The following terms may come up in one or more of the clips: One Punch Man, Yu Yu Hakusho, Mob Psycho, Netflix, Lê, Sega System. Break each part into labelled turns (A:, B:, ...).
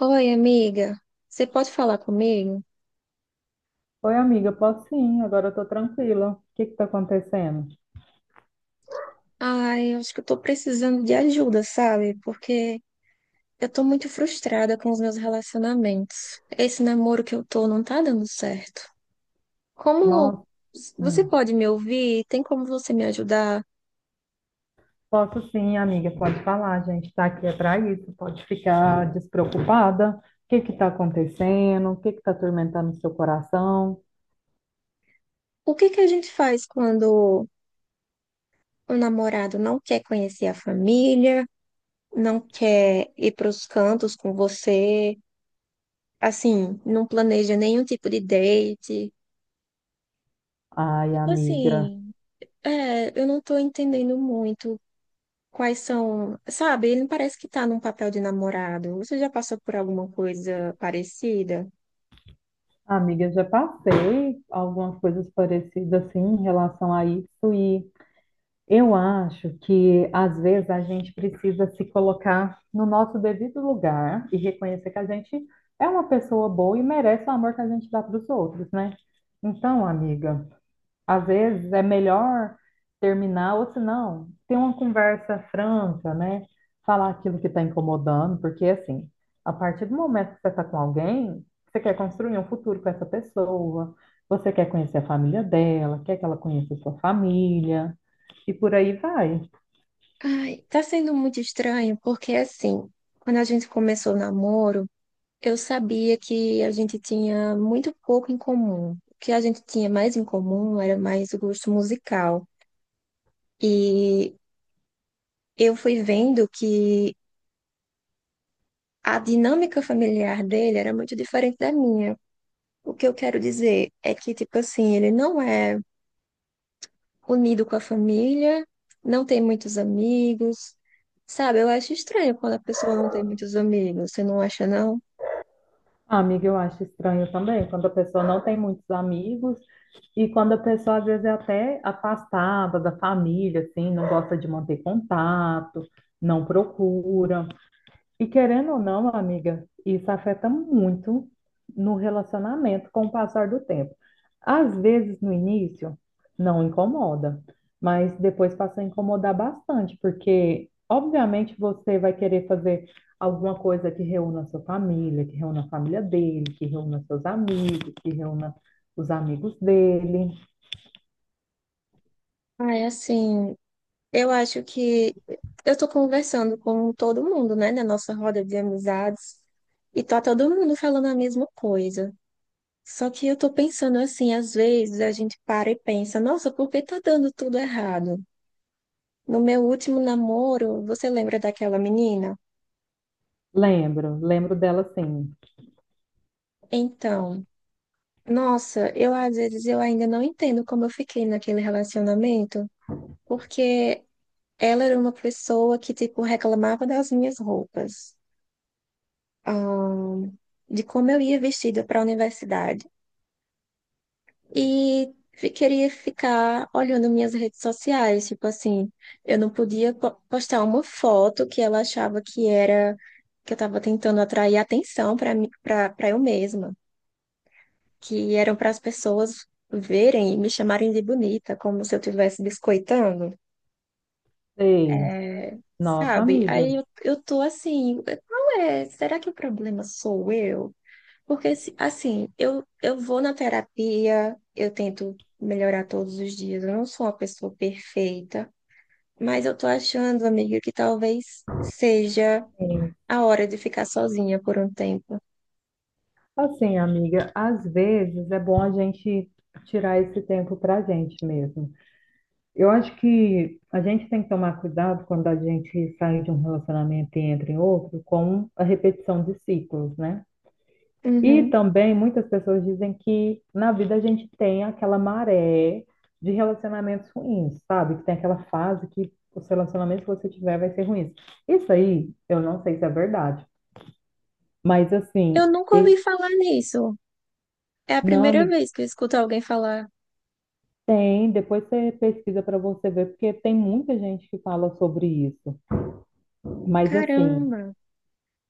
A: Oi, amiga, você pode falar comigo?
B: Oi, amiga, posso sim, agora eu tô tranquila. O que que tá acontecendo?
A: Ai, eu acho que eu tô precisando de ajuda, sabe? Porque eu tô muito frustrada com os meus relacionamentos. Esse namoro que eu tô não tá dando certo. Como
B: Nossa,
A: você
B: hum.
A: pode me ouvir? Tem como você me ajudar?
B: Posso sim, amiga, pode falar, a gente tá aqui é pra isso, pode ficar despreocupada. O que que tá acontecendo? O que que tá atormentando o seu coração?
A: O que que a gente faz quando o namorado não quer conhecer a família, não quer ir para os cantos com você, assim, não planeja nenhum tipo de date?
B: Ai,
A: Tipo
B: amiga,
A: assim. É, eu não tô entendendo muito quais são, sabe? Ele parece que tá num papel de namorado. Você já passou por alguma coisa parecida?
B: amiga, já passei algumas coisas parecidas assim em relação a isso e eu acho que às vezes a gente precisa se colocar no nosso devido lugar e reconhecer que a gente é uma pessoa boa e merece o amor que a gente dá para os outros, né? Então, amiga. Às vezes é melhor terminar, ou se não, ter uma conversa franca, né? Falar aquilo que está incomodando, porque assim, a partir do momento que você está com alguém, você quer construir um futuro com essa pessoa, você quer conhecer a família dela, quer que ela conheça a sua família, e por aí vai.
A: Ai, tá sendo muito estranho, porque assim, quando a gente começou o namoro, eu sabia que a gente tinha muito pouco em comum. O que a gente tinha mais em comum era mais o gosto musical. E eu fui vendo que a dinâmica familiar dele era muito diferente da minha. O que eu quero dizer é que, tipo assim, ele não é unido com a família, não tem muitos amigos, sabe? Eu acho estranho quando a pessoa não tem muitos amigos, você não acha, não?
B: Ah, amiga, eu acho estranho também, quando a pessoa não tem muitos amigos e quando a pessoa às vezes é até afastada da família, assim, não gosta de manter contato, não procura. E querendo ou não, amiga, isso afeta muito no relacionamento com o passar do tempo. Às vezes, no início, não incomoda, mas depois passa a incomodar bastante, porque, obviamente, você vai querer fazer alguma coisa que reúna a sua família, que reúna a família dele, que reúna seus amigos, que reúna os amigos dele.
A: Ai, assim, eu acho que eu tô conversando com todo mundo, né, na nossa roda de amizades, e tá todo mundo falando a mesma coisa. Só que eu tô pensando assim, às vezes a gente para e pensa, nossa, por que tá dando tudo errado? No meu último namoro, você lembra daquela menina?
B: Lembro, lembro dela sim.
A: Então, nossa, eu às vezes eu ainda não entendo como eu fiquei naquele relacionamento, porque ela era uma pessoa que, tipo, reclamava das minhas roupas, ahn, de como eu ia vestida para a universidade. E queria ficar olhando minhas redes sociais, tipo assim, eu não podia postar uma foto que ela achava que era, que eu estava tentando atrair atenção para mim, para eu mesma. Que eram para as pessoas verem e me chamarem de bonita, como se eu estivesse biscoitando,
B: Sei,
A: é,
B: nossa
A: sabe?
B: amiga.
A: Aí eu tô assim, qual é? Será que o problema sou eu? Porque, assim, eu vou na terapia, eu tento melhorar todos os dias, eu não sou uma pessoa perfeita, mas eu tô achando, amiga, que talvez seja a hora de ficar sozinha por um tempo.
B: Assim, amiga, às vezes é bom a gente tirar esse tempo pra gente mesmo. Eu acho que a gente tem que tomar cuidado quando a gente sai de um relacionamento e entra em outro com a repetição de ciclos, né? E
A: Uhum.
B: também muitas pessoas dizem que na vida a gente tem aquela maré de relacionamentos ruins, sabe? Que tem aquela fase que os relacionamentos que você tiver vai ser ruins. Isso aí, eu não sei se é verdade, mas assim,
A: Eu nunca
B: e-
A: ouvi falar nisso. É a
B: não,
A: primeira
B: amiga.
A: vez que eu escuto alguém falar.
B: Tem, depois você pesquisa para você ver, porque tem muita gente que fala sobre isso. Mas assim,
A: Caramba,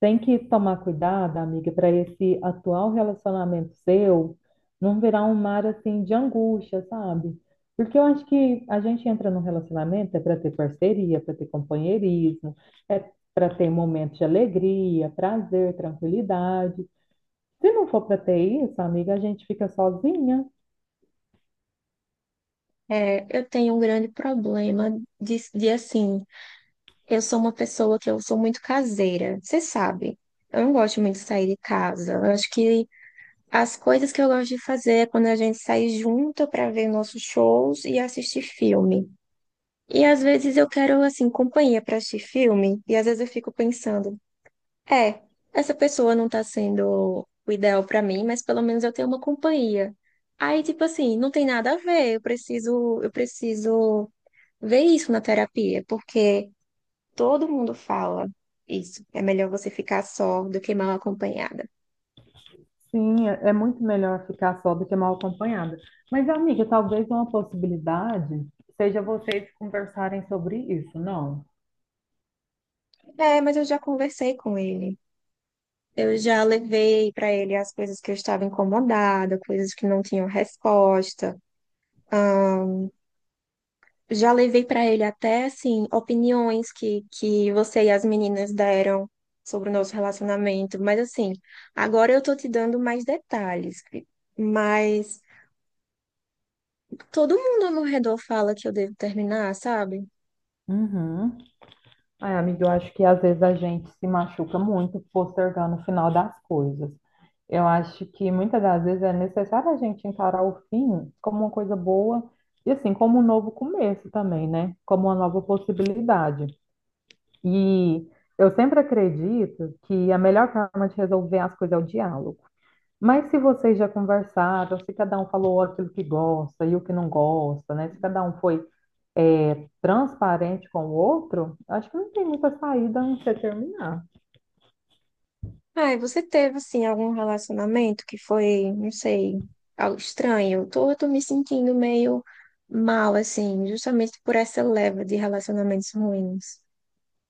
B: tem que tomar cuidado, amiga, para esse atual relacionamento seu não virar um mar assim de angústia, sabe? Porque eu acho que a gente entra num relacionamento é para ter parceria, para ter companheirismo, é para ter momentos de alegria, prazer, tranquilidade. Se não for para ter isso, amiga, a gente fica sozinha.
A: é, eu tenho um grande problema de assim, eu sou uma pessoa que eu sou muito caseira, você sabe. Eu não gosto muito de sair de casa. Eu acho que as coisas que eu gosto de fazer é quando a gente sai junto para ver nossos shows e assistir filme. E às vezes eu quero assim companhia para assistir filme, e às vezes eu fico pensando. É, essa pessoa não tá sendo o ideal pra mim, mas pelo menos eu tenho uma companhia. Aí, tipo assim, não tem nada a ver, eu preciso ver isso na terapia, porque todo mundo fala isso. É melhor você ficar só do que mal acompanhada.
B: Sim, é muito melhor ficar só do que mal acompanhada. Mas, amiga, talvez uma possibilidade seja vocês conversarem sobre isso, não?
A: É, mas eu já conversei com ele. Eu já levei pra ele as coisas que eu estava incomodada, coisas que não tinham resposta. Já levei para ele até assim opiniões que você e as meninas deram sobre o nosso relacionamento, mas assim, agora eu tô te dando mais detalhes. Mas todo mundo ao meu redor fala que eu devo terminar, sabe?
B: Uhum. Ai, amiga, eu acho que às vezes a gente se machuca muito postergando o final das coisas. Eu acho que muitas das vezes é necessário a gente encarar o fim como uma coisa boa e, assim, como um novo começo também, né? Como uma nova possibilidade. E eu sempre acredito que a melhor forma de resolver as coisas é o diálogo. Mas se vocês já conversaram, se cada um falou aquilo que gosta e o que não gosta, né? Se cada um foi, é, transparente com o outro, acho que não tem muita saída a não ser terminar.
A: Ai, você teve assim algum relacionamento que foi, não sei, algo estranho? Eu tô me sentindo meio mal assim, justamente por essa leva de relacionamentos ruins.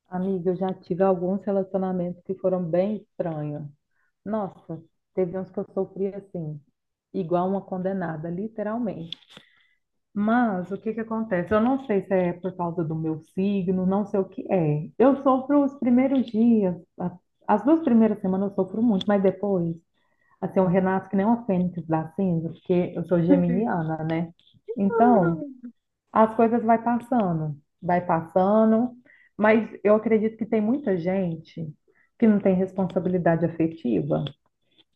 B: Amiga, eu já tive alguns relacionamentos que foram bem estranhos. Nossa, teve uns que eu sofri assim, igual uma condenada, literalmente. Mas o que que acontece? Eu não sei se é por causa do meu signo, não sei o que é. Eu sofro os primeiros dias, as duas primeiras semanas eu sofro muito, mas depois, assim, eu renasço que nem uma fênix da cinza, porque eu sou
A: Uhum.
B: geminiana, né? Então, as coisas vai passando, mas eu acredito que tem muita gente que não tem responsabilidade afetiva.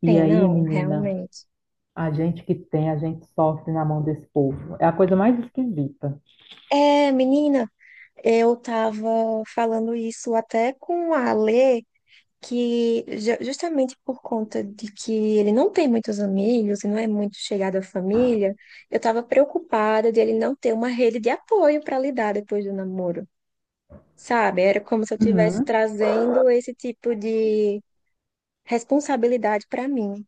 B: E
A: Tem,
B: aí,
A: não,
B: menina,
A: realmente.
B: a gente que tem, a gente sofre na mão desse povo. É a coisa mais esquisita.
A: É, menina, eu estava falando isso até com a Lê, que justamente por conta de que ele não tem muitos amigos e não é muito chegado à família, eu estava preocupada de ele não ter uma rede de apoio para lidar depois do namoro, sabe? Era como se eu estivesse
B: Uhum.
A: trazendo esse tipo de responsabilidade para mim.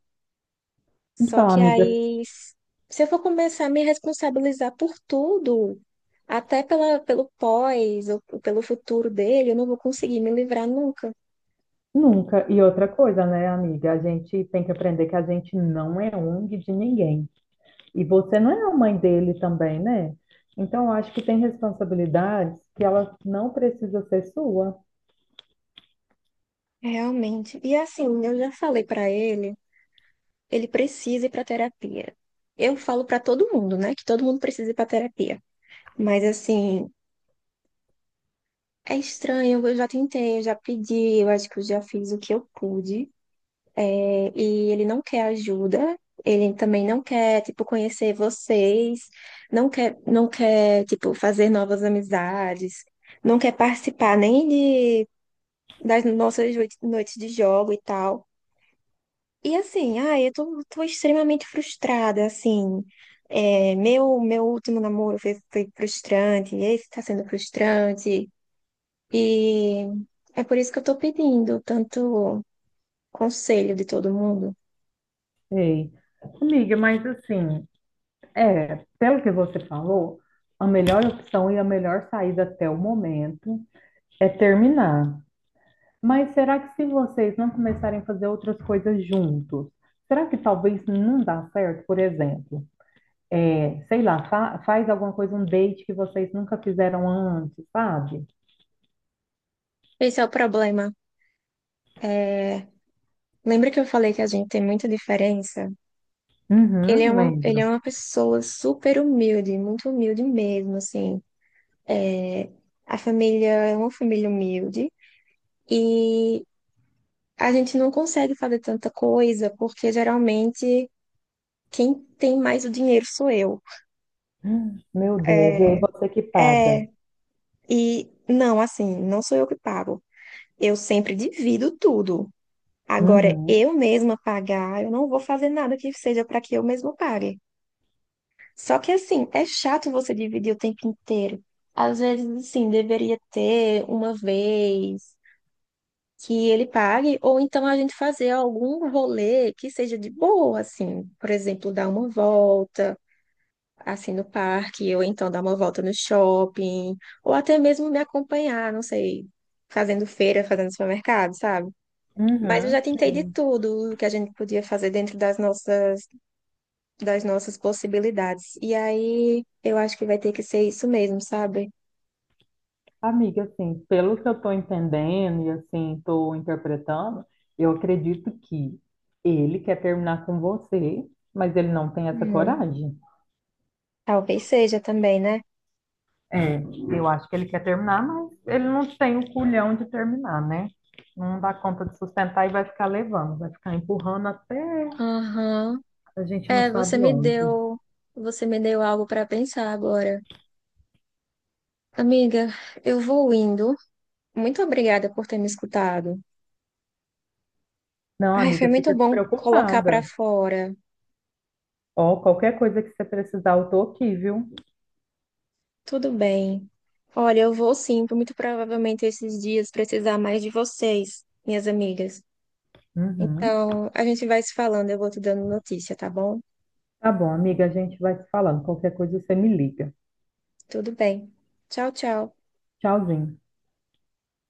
A: Só
B: Então,
A: que
B: amiga,
A: aí, se eu for começar a me responsabilizar por tudo, até pelo pós ou pelo futuro dele, eu não vou conseguir me livrar nunca.
B: nunca. E outra coisa, né, amiga? A gente tem que aprender que a gente não é ONG de ninguém. E você não é a mãe dele também, né? Então, eu acho que tem responsabilidades que ela não precisa ser sua.
A: Realmente. E assim, eu já falei pra ele, ele precisa ir pra terapia. Eu falo pra todo mundo, né, que todo mundo precisa ir pra terapia. Mas assim, é estranho, eu já tentei, eu já pedi, eu acho que eu já fiz o que eu pude. É, e ele não quer ajuda, ele também não quer, tipo, conhecer vocês, não quer, tipo, fazer novas amizades, não quer participar nem de, das nossas noites de jogo e tal. E assim, ai, eu tô extremamente frustrada, assim. É, meu último namoro foi frustrante, esse tá sendo frustrante. E é por isso que eu tô pedindo tanto conselho de todo mundo.
B: Ei, amiga, mas assim, é, pelo que você falou, a melhor opção e a melhor saída até o momento é terminar. Mas será que se vocês não começarem a fazer outras coisas juntos, será que talvez não dá certo, por exemplo? É, sei lá, faz alguma coisa, um date que vocês nunca fizeram antes, sabe?
A: Esse é o problema. É, lembra que eu falei que a gente tem muita diferença? Ele é
B: Uhum,
A: uma, ele é
B: lembro.
A: uma pessoa super humilde, muito humilde mesmo, assim. É, a família é uma família humilde e a gente não consegue fazer tanta coisa porque geralmente quem tem mais o dinheiro sou eu.
B: Meu Deus, e aí
A: É,
B: você que paga.
A: é, e não, assim, não sou eu que pago. Eu sempre divido tudo. Agora,
B: Uhum,
A: eu mesma pagar, eu não vou fazer nada que seja para que eu mesma pague. Só que assim, é chato você dividir o tempo inteiro. Às vezes, assim, deveria ter uma vez que ele pague, ou então a gente fazer algum rolê que seja de boa, assim, por exemplo, dar uma volta, assim, no parque, ou então dar uma volta no shopping, ou até mesmo me acompanhar, não sei, fazendo feira, fazendo supermercado, sabe? Mas eu já
B: uhum,
A: tentei de
B: sim.
A: tudo o que a gente podia fazer dentro das nossas possibilidades. E aí eu acho que vai ter que ser isso mesmo, sabe?
B: Amiga, assim, pelo que eu estou entendendo e assim, estou interpretando, eu acredito que ele quer terminar com você, mas ele não tem essa
A: Hum,
B: coragem.
A: talvez seja também, né?
B: É, eu acho que ele quer terminar, mas ele não tem o culhão de terminar, né? Não dá conta de sustentar e vai ficar levando, vai ficar empurrando até
A: Aham.
B: a gente não
A: É, você
B: sabe
A: me
B: onde.
A: deu, você me deu algo para pensar agora. Amiga, eu vou indo. Muito obrigada por ter me escutado.
B: Não,
A: Ai, foi
B: amiga,
A: muito
B: fica
A: bom colocar para
B: despreocupada.
A: fora.
B: Ó, qualquer coisa que você precisar, eu tô aqui, viu?
A: Tudo bem. Olha, eu vou sim, muito provavelmente esses dias precisar mais de vocês, minhas amigas.
B: Uhum.
A: Então, a gente vai se falando, eu vou te dando notícia, tá bom?
B: Tá bom, amiga, a gente vai se falando. Qualquer coisa você me liga.
A: Tudo bem. Tchau, tchau.
B: Tchauzinho.